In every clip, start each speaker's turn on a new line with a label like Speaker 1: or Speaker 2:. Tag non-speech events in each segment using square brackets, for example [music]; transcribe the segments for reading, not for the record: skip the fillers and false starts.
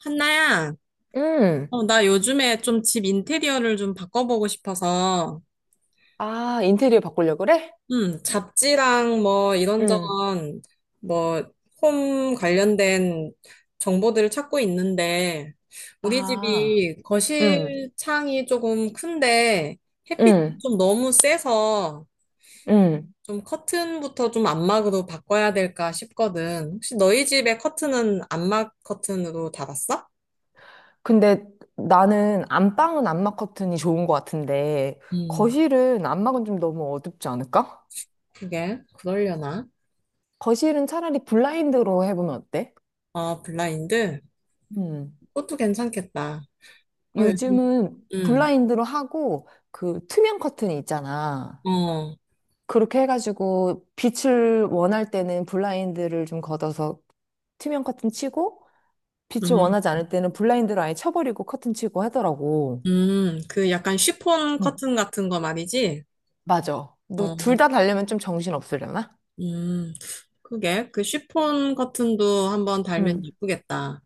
Speaker 1: 한나야,
Speaker 2: 음.
Speaker 1: 나 요즘에 좀 집 인테리어를 좀 바꿔보고 싶어서,
Speaker 2: 아, 인테리어 바꾸려고 그래?
Speaker 1: 잡지랑 뭐
Speaker 2: 음.
Speaker 1: 이런저런 뭐 홈 관련된 정보들을 찾고 있는데, 우리
Speaker 2: 아,
Speaker 1: 집이
Speaker 2: 음,
Speaker 1: 거실 창이 조금 큰데 햇빛이
Speaker 2: 음,
Speaker 1: 좀 너무 세서
Speaker 2: 음.
Speaker 1: 좀 커튼부터 좀 안막으로 바꿔야 될까 싶거든. 혹시 너희 집에 커튼은 안막 커튼으로 달았어?
Speaker 2: 근데 나는 안방은 안막 커튼이 좋은 것 같은데,
Speaker 1: 음,
Speaker 2: 거실은 안막은 좀 너무 어둡지 않을까?
Speaker 1: 그게 그러려나?
Speaker 2: 거실은 차라리 블라인드로 해보면 어때?
Speaker 1: 아, 블라인드?
Speaker 2: 음.
Speaker 1: 그것도 괜찮겠다. 아, 요즘,
Speaker 2: 요즘은
Speaker 1: 음,
Speaker 2: 블라인드로 하고, 그 투명 커튼이 있잖아.
Speaker 1: 어,
Speaker 2: 그렇게 해가지고 빛을 원할 때는 블라인드를 좀 걷어서 투명 커튼 치고, 빛을
Speaker 1: 음,
Speaker 2: 원하지 않을 때는 블라인드를 아예 쳐버리고 커튼 치고 하더라고.
Speaker 1: 그 약간 쉬폰
Speaker 2: 응,
Speaker 1: 커튼 같은 거 말이지?
Speaker 2: 맞아. 너 둘
Speaker 1: 어,
Speaker 2: 다 달려면 좀 정신 없으려나?
Speaker 1: 음, 그게, 그 쉬폰 커튼도 한번
Speaker 2: 응.
Speaker 1: 달면 예쁘겠다.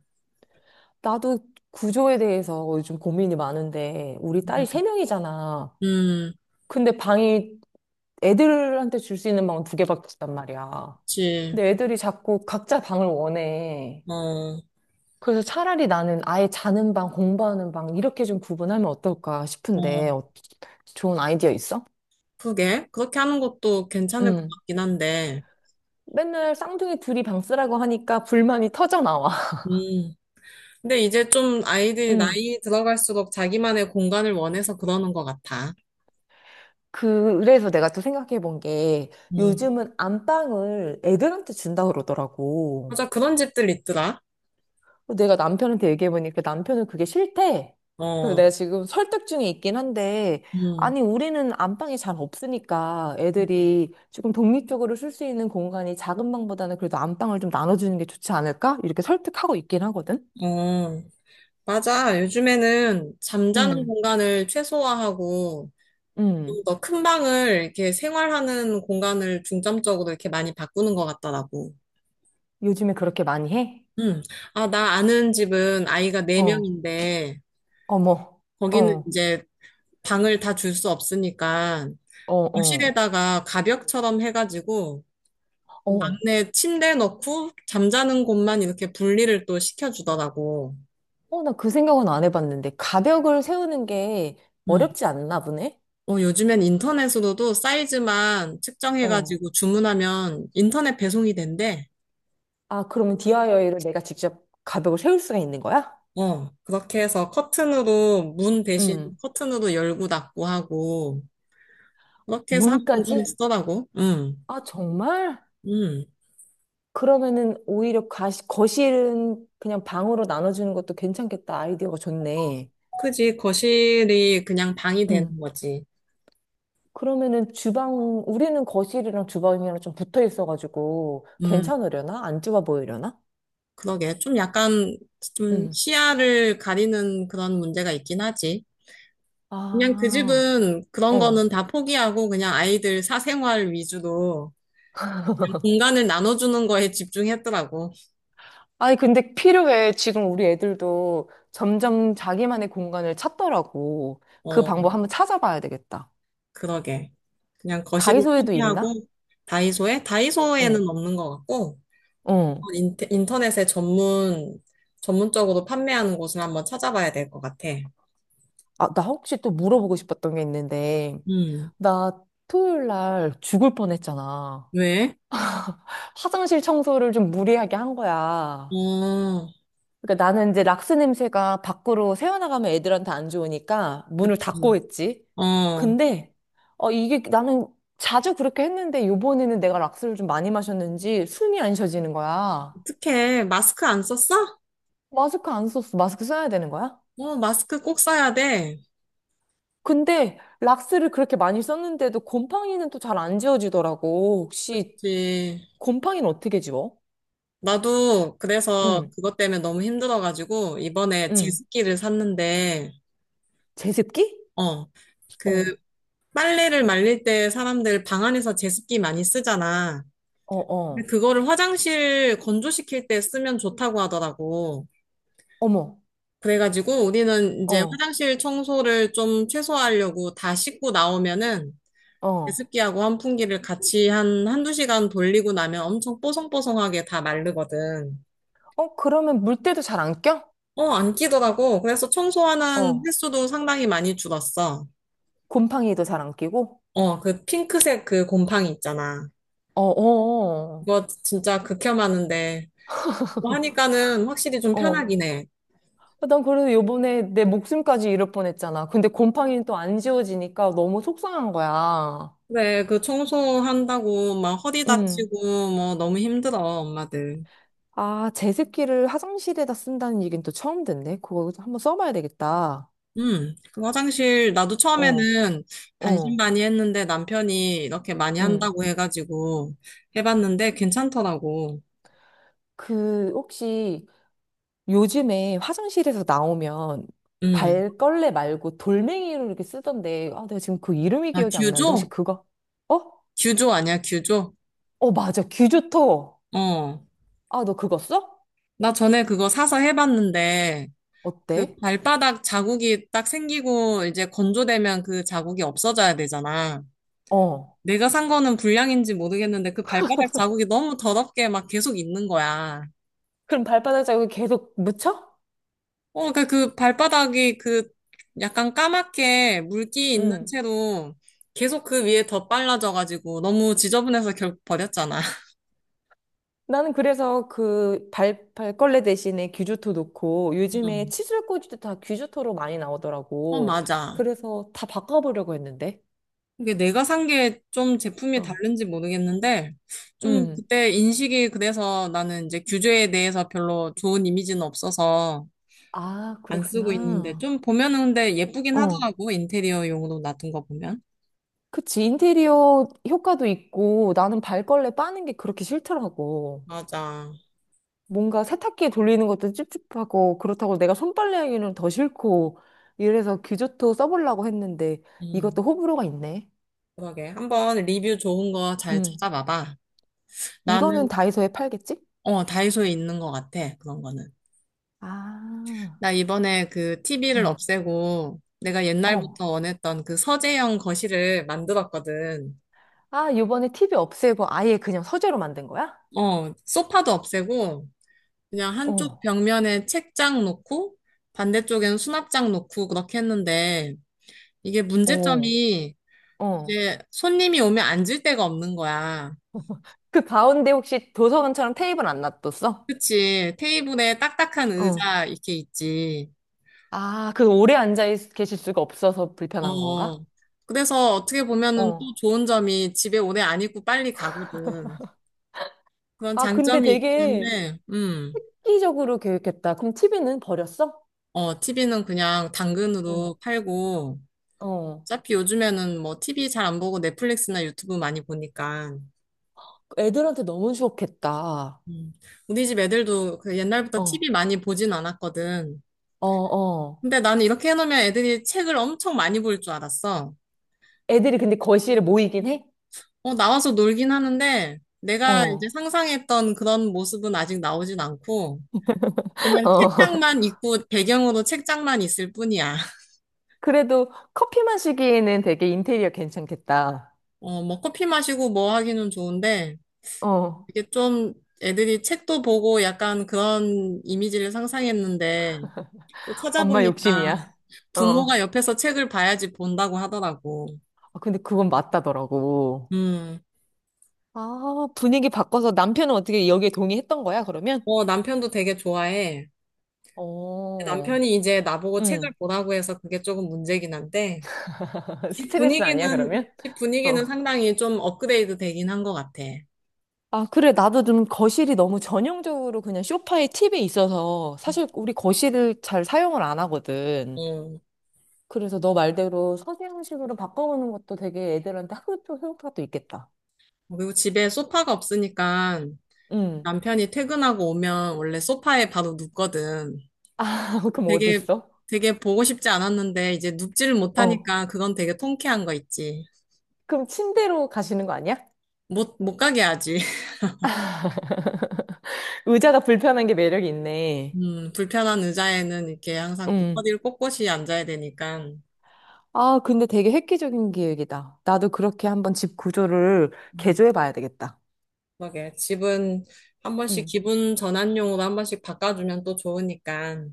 Speaker 2: 나도 구조에 대해서 요즘 고민이 많은데, 우리 딸이 세
Speaker 1: 음,
Speaker 2: 명이잖아.
Speaker 1: 음,
Speaker 2: 근데 방이 애들한테 줄 수 있는 방은 두 개밖에 없단 말이야.
Speaker 1: 그치.
Speaker 2: 근데 애들이 자꾸 각자 방을 원해.
Speaker 1: 어,
Speaker 2: 그래서 차라리 나는 아예 자는 방, 공부하는 방, 이렇게 좀 구분하면 어떨까
Speaker 1: 어,
Speaker 2: 싶은데, 어, 좋은 아이디어 있어?
Speaker 1: 그게, 그렇게 하는 것도 괜찮을 것 같긴 한데,
Speaker 2: 맨날 쌍둥이 둘이 방 쓰라고 하니까 불만이 터져 나와. [laughs]
Speaker 1: 음, 근데 이제 좀 아이들이
Speaker 2: 음.
Speaker 1: 나이 들어갈수록 자기만의 공간을 원해서 그러는 것 같아.
Speaker 2: 그래서 내가 또 생각해 본 게
Speaker 1: 음,
Speaker 2: 요즘은 안방을 애들한테 준다 그러더라고.
Speaker 1: 맞아, 그런 집들 있더라.
Speaker 2: 내가 남편한테 얘기해 보니까 남편은 그게 싫대. 그래서
Speaker 1: 어,
Speaker 2: 내가 지금 설득 중에 있긴 한데,
Speaker 1: 음,
Speaker 2: 아니, 우리는 안방이 잘 없으니까 애들이 조금 독립적으로 쓸 수 있는 공간이 작은 방보다는 그래도 안방을 좀 나눠주는 게 좋지 않을까? 이렇게 설득하고 있긴 하거든?
Speaker 1: 어. 맞아. 요즘에는 잠자는
Speaker 2: 음,
Speaker 1: 공간을 최소화하고
Speaker 2: 음.
Speaker 1: 좀 더 큰 방을 이렇게 생활하는 공간을 중점적으로 이렇게 많이 바꾸는 것 같더라고.
Speaker 2: 요즘에 그렇게 많이 해?
Speaker 1: 음. 아, 나 아는 집은 아이가
Speaker 2: 어.
Speaker 1: 4명인데
Speaker 2: 어머,
Speaker 1: 거기는
Speaker 2: 어,
Speaker 1: 이제 방을 다 줄 수 없으니까
Speaker 2: 어, 어,
Speaker 1: 거실에다가 가벽처럼 해가지고
Speaker 2: 어.
Speaker 1: 막내 침대 넣고 잠자는 곳만 이렇게 분리를 또 시켜주더라고.
Speaker 2: 어, 나 그 생각은 안 해봤는데. 가벽을 세우는 게
Speaker 1: 음.
Speaker 2: 어렵지 않나 보네?
Speaker 1: 어, 요즘엔 인터넷으로도 사이즈만
Speaker 2: 어.
Speaker 1: 측정해가지고 주문하면 인터넷 배송이 된대.
Speaker 2: 아, 그러면 DIY를 내가 직접 가벽을 세울 수가 있는 거야?
Speaker 1: 어, 그렇게 해서 커튼으로, 문 대신
Speaker 2: 음.
Speaker 1: 커튼으로 열고 닫고 하고, 그렇게 해서 한 공간에
Speaker 2: 문까지?
Speaker 1: 쓰더라고. 응,
Speaker 2: 아, 정말?
Speaker 1: 응.
Speaker 2: 그러면은 오히려 가시, 거실은 그냥 방으로 나눠주는 것도 괜찮겠다. 아이디어가 좋네.
Speaker 1: 그지, 거실이 그냥 방이 되는
Speaker 2: 음.
Speaker 1: 거지.
Speaker 2: 그러면은 주방, 우리는 거실이랑 주방이랑 좀 붙어 있어가지고
Speaker 1: 음
Speaker 2: 괜찮으려나? 안 좁아 보이려나?
Speaker 1: 그러게. 좀 약간, 좀
Speaker 2: 음.
Speaker 1: 시야를 가리는 그런 문제가 있긴 하지. 그냥 그
Speaker 2: 아.
Speaker 1: 집은 그런
Speaker 2: 어.
Speaker 1: 거는 다 포기하고 그냥 아이들 사생활 위주로 공간을 나눠주는 거에 집중했더라고.
Speaker 2: 아니, 근데 필요해. 지금 우리 애들도 점점 자기만의 공간을 찾더라고. 그
Speaker 1: 어,
Speaker 2: 방법 한번 찾아봐야 되겠다.
Speaker 1: 그러게. 그냥 거실을
Speaker 2: 다이소에도 있나?
Speaker 1: 포기하고
Speaker 2: 어,
Speaker 1: 다이소에는 없는 것 같고
Speaker 2: 어.
Speaker 1: 인터넷에 전문적으로 판매하는 곳을 한번 찾아봐야 될 것 같아.
Speaker 2: 아, 나 혹시 또 물어보고 싶었던 게 있는데,
Speaker 1: 음,
Speaker 2: 나 토요일 날 죽을 뻔했잖아.
Speaker 1: 왜?
Speaker 2: 화장실 청소를 좀 무리하게 한 거야.
Speaker 1: 어,
Speaker 2: 그러니까 나는 이제 락스 냄새가 밖으로 새어나가면 애들한테 안 좋으니까 문을
Speaker 1: 그치.
Speaker 2: 닫고 했지.
Speaker 1: 어,
Speaker 2: 근데 이게 나는 자주 그렇게 했는데 요번에는 내가 락스를 좀 많이 마셨는지 숨이 안 쉬어지는 거야.
Speaker 1: 어떡해. 마스크 안 썼어?
Speaker 2: 마스크 안 썼어. 마스크 써야 되는 거야?
Speaker 1: 어, 마스크 꼭 써야 돼.
Speaker 2: 근데 락스를 그렇게 많이 썼는데도 곰팡이는 또 잘 안 지워지더라고. 혹시
Speaker 1: 그치.
Speaker 2: 곰팡이는 어떻게 지워?
Speaker 1: 나도 그래서
Speaker 2: 응,
Speaker 1: 그것 때문에 너무 힘들어가지고 이번에
Speaker 2: 응.
Speaker 1: 제습기를 샀는데,
Speaker 2: 제습기?
Speaker 1: 어, 그
Speaker 2: 어,
Speaker 1: 빨래를 말릴 때 사람들 방 안에서 제습기 많이 쓰잖아.
Speaker 2: 어,
Speaker 1: 근데
Speaker 2: 어.
Speaker 1: 그거를 화장실 건조시킬 때 쓰면 좋다고 하더라고.
Speaker 2: 어머,
Speaker 1: 그래가지고 우리는 이제
Speaker 2: 어,
Speaker 1: 화장실 청소를 좀 최소화하려고 다 씻고 나오면은
Speaker 2: 어.
Speaker 1: 제습기하고 환풍기를 같이 한 한두 시간 돌리고 나면 엄청 뽀송뽀송하게 다 마르거든.
Speaker 2: 어, 그러면 물때도 잘 안 껴?
Speaker 1: 어, 안 끼더라고. 그래서 청소하는
Speaker 2: 어.
Speaker 1: 횟수도 상당히 많이 줄었어.
Speaker 2: 곰팡이도 잘 안 끼고?
Speaker 1: 어, 그 핑크색 그 곰팡이 있잖아.
Speaker 2: 어, 어,
Speaker 1: 그거 진짜 극혐하는데 뭐 하니까는 확실히 좀
Speaker 2: 어. 어.
Speaker 1: 편하긴 해.
Speaker 2: 난 그래도 요번에 내 목숨까지 잃을 뻔했잖아. 근데 곰팡이는 또 안 지워지니까 너무 속상한 거야.
Speaker 1: 그래, 그 청소한다고 막 허리
Speaker 2: 음.
Speaker 1: 다치고 뭐 너무 힘들어, 엄마들.
Speaker 2: 아, 제습기를 화장실에다 쓴다는 얘기는 또 처음 듣네. 그거 한번 써봐야 되겠다.
Speaker 1: 그 화장실 나도
Speaker 2: 어,
Speaker 1: 처음에는
Speaker 2: 어,
Speaker 1: 반신반의 했는데 남편이 이렇게 많이
Speaker 2: 음.
Speaker 1: 한다고 해가지고 해봤는데 괜찮더라고.
Speaker 2: 그, 혹시 요즘에 화장실에서 나오면
Speaker 1: 음.
Speaker 2: 발걸레 말고 돌멩이로 이렇게 쓰던데, 아, 내가 지금 그 이름이
Speaker 1: 아,
Speaker 2: 기억이 안 나는데, 혹시
Speaker 1: 듀조?
Speaker 2: 그거? 어?
Speaker 1: 듀조 아니야, 듀조?
Speaker 2: 어, 맞아. 귀좋토.
Speaker 1: 어.
Speaker 2: 아, 너 그거 써?
Speaker 1: 나 전에 그거 사서 해봤는데 그
Speaker 2: 어때?
Speaker 1: 발바닥 자국이 딱 생기고 이제 건조되면 그 자국이 없어져야 되잖아.
Speaker 2: 어.
Speaker 1: 내가 산 거는 불량인지 모르겠는데 그 발바닥 자국이 너무 더럽게 막 계속 있는 거야.
Speaker 2: 그럼 발바닥 자국이 계속 묻혀?
Speaker 1: 어, 그 발바닥이 그 약간 까맣게 물기 있는
Speaker 2: 응.
Speaker 1: 채로 계속 그 위에 더 빨라져가지고 너무 지저분해서 결국 버렸잖아.
Speaker 2: 나는 그래서 그 발, 발걸레 대신에 귀주토 넣고
Speaker 1: [laughs]
Speaker 2: 요즘에
Speaker 1: 음.
Speaker 2: 칫솔 꽂이도 다 귀주토로 많이
Speaker 1: 어,
Speaker 2: 나오더라고.
Speaker 1: 맞아.
Speaker 2: 그래서 다 바꿔보려고 했는데.
Speaker 1: 이게 내가 산 게 좀 제품이
Speaker 2: 어.
Speaker 1: 다른지 모르겠는데 좀
Speaker 2: 응.
Speaker 1: 그때 인식이 그래서 나는 이제 규제에 대해서 별로 좋은 이미지는 없어서
Speaker 2: 아,
Speaker 1: 안 쓰고 있는데
Speaker 2: 그랬구나.
Speaker 1: 좀 보면은 근데 예쁘긴
Speaker 2: 어.
Speaker 1: 하더라고 인테리어용으로 놔둔 거 보면.
Speaker 2: 그치. 인테리어 효과도 있고 나는 발걸레 빠는 게 그렇게 싫더라고.
Speaker 1: 맞아.
Speaker 2: 뭔가 세탁기에 돌리는 것도 찝찝하고 그렇다고 내가 손빨래 하기는 더 싫고 이래서 규조토 써보려고 했는데 이것도
Speaker 1: 음,
Speaker 2: 호불호가 있네.
Speaker 1: 그러게. 한번 리뷰 좋은 거 잘
Speaker 2: 음.
Speaker 1: 찾아봐봐.
Speaker 2: 이거는
Speaker 1: 나는,
Speaker 2: 다이소에 팔겠지?
Speaker 1: 어, 다이소에 있는 것 같아. 그런 거는.
Speaker 2: 아.
Speaker 1: 나 이번에 그 TV를
Speaker 2: 음.
Speaker 1: 없애고 내가
Speaker 2: 어.
Speaker 1: 옛날부터 원했던 그 서재형 거실을 만들었거든.
Speaker 2: 아, 요번에 티비 없애고 아예 그냥 서재로 만든 거야?
Speaker 1: 어, 소파도 없애고 그냥 한쪽
Speaker 2: 어.
Speaker 1: 벽면에 책장 놓고 반대쪽에는 수납장 놓고 그렇게 했는데 이게
Speaker 2: 어.
Speaker 1: 문제점이
Speaker 2: 어.
Speaker 1: 이제 손님이 오면 앉을 데가 없는 거야.
Speaker 2: [laughs] 그 가운데 혹시 도서관처럼 테이블 안 놔뒀어?
Speaker 1: 그치. 테이블에 딱딱한
Speaker 2: 어.
Speaker 1: 의자 이렇게 있지.
Speaker 2: 아, 그 오래 앉아 있- 계실 수가 없어서 불편한 건가?
Speaker 1: 어. 그래서 어떻게 보면은 또
Speaker 2: 어.
Speaker 1: 좋은 점이 집에 오래 안 있고 빨리 가거든. 그런
Speaker 2: 아, 근데
Speaker 1: 장점이 있긴
Speaker 2: 되게
Speaker 1: 한데.
Speaker 2: 획기적으로 계획했다. 그럼 TV는 버렸어?
Speaker 1: 어, TV는 그냥
Speaker 2: 응.
Speaker 1: 당근으로 팔고,
Speaker 2: 어.
Speaker 1: 어차피 요즘에는 뭐 TV 잘 안 보고 넷플릭스나 유튜브 많이 보니까.
Speaker 2: 애들한테 너무 좋겠다.
Speaker 1: 음. 우리 집 애들도 그 옛날부터
Speaker 2: 어.
Speaker 1: TV 많이 보진 않았거든.
Speaker 2: 어, 어.
Speaker 1: 근데 나는 이렇게 해놓으면 애들이 책을 엄청 많이 볼 줄 알았어.
Speaker 2: 애들이 근데 거실에 모이긴 해?
Speaker 1: 어, 나와서 놀긴 하는데, 내가 이제
Speaker 2: 어.
Speaker 1: 상상했던 그런 모습은 아직 나오진 않고,
Speaker 2: [laughs]
Speaker 1: 그냥
Speaker 2: 어.
Speaker 1: 책장만 있고, 배경으로 책장만 있을 뿐이야. [laughs]
Speaker 2: 그래도 커피만 시기에는 되게 인테리어 괜찮겠다.
Speaker 1: 어, 뭐 커피 마시고 뭐 하기는 좋은데,
Speaker 2: 어.
Speaker 1: 이게 좀 애들이 책도 보고 약간 그런 이미지를 상상했는데, 또
Speaker 2: 엄마
Speaker 1: 찾아보니까
Speaker 2: 욕심이야. 어.
Speaker 1: 부모가
Speaker 2: 아,
Speaker 1: 옆에서 책을 봐야지 본다고 하더라고.
Speaker 2: 근데 그건 맞다더라고.
Speaker 1: 음,
Speaker 2: 아, 분위기 바꿔서 남편은 어떻게 여기에 동의했던 거야, 그러면?
Speaker 1: 어, 남편도 되게 좋아해.
Speaker 2: 어.
Speaker 1: 남편이 이제 나보고 책을
Speaker 2: 응.
Speaker 1: 보라고 해서 그게 조금 문제긴 한데,
Speaker 2: [laughs] 스트레스 아니야,
Speaker 1: 분위기는,
Speaker 2: 그러면?
Speaker 1: 집 분위기는
Speaker 2: 어.
Speaker 1: 상당히 좀 업그레이드 되긴 한 것 같아.
Speaker 2: 아, 그래. 나도 좀 거실이 너무 전형적으로 그냥 소파에 팁이 있어서 사실 우리 거실을 잘 사용을 안 하거든.
Speaker 1: 어.
Speaker 2: 그래서 너 말대로 서재형식으로 바꿔보는 것도 되게 애들한테 학교 효과가 또 있겠다.
Speaker 1: 그리고 집에 소파가 없으니까
Speaker 2: 응.
Speaker 1: 남편이 퇴근하고 오면 원래 소파에 바로 눕거든.
Speaker 2: [laughs] 그럼 어디
Speaker 1: 되게,
Speaker 2: 있어?
Speaker 1: 되게 보고 싶지 않았는데 이제 눕지를
Speaker 2: 어.
Speaker 1: 못하니까 그건 되게 통쾌한 거 있지.
Speaker 2: 그럼 침대로 가시는 거 아니야?
Speaker 1: 못 가게 하지. [laughs]
Speaker 2: 의자가 불편한 게 매력이 있네.
Speaker 1: 불편한 의자에는 이렇게 항상 또
Speaker 2: 응.
Speaker 1: 허리를 꼿꼿이 앉아야 되니까.
Speaker 2: 아, 근데 되게 획기적인 기획이다. 나도 그렇게 한번 집 구조를
Speaker 1: 음,
Speaker 2: 개조해 봐야 되겠다.
Speaker 1: 그러게. 집은 한 번씩
Speaker 2: 응.
Speaker 1: 기분 전환용으로 한 번씩 바꿔주면 또 좋으니까.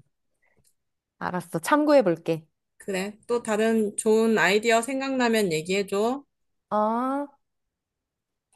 Speaker 2: 알았어. 참고해 볼게.
Speaker 1: 그래. 또 다른 좋은 아이디어 생각나면 얘기해줘.
Speaker 2: 어.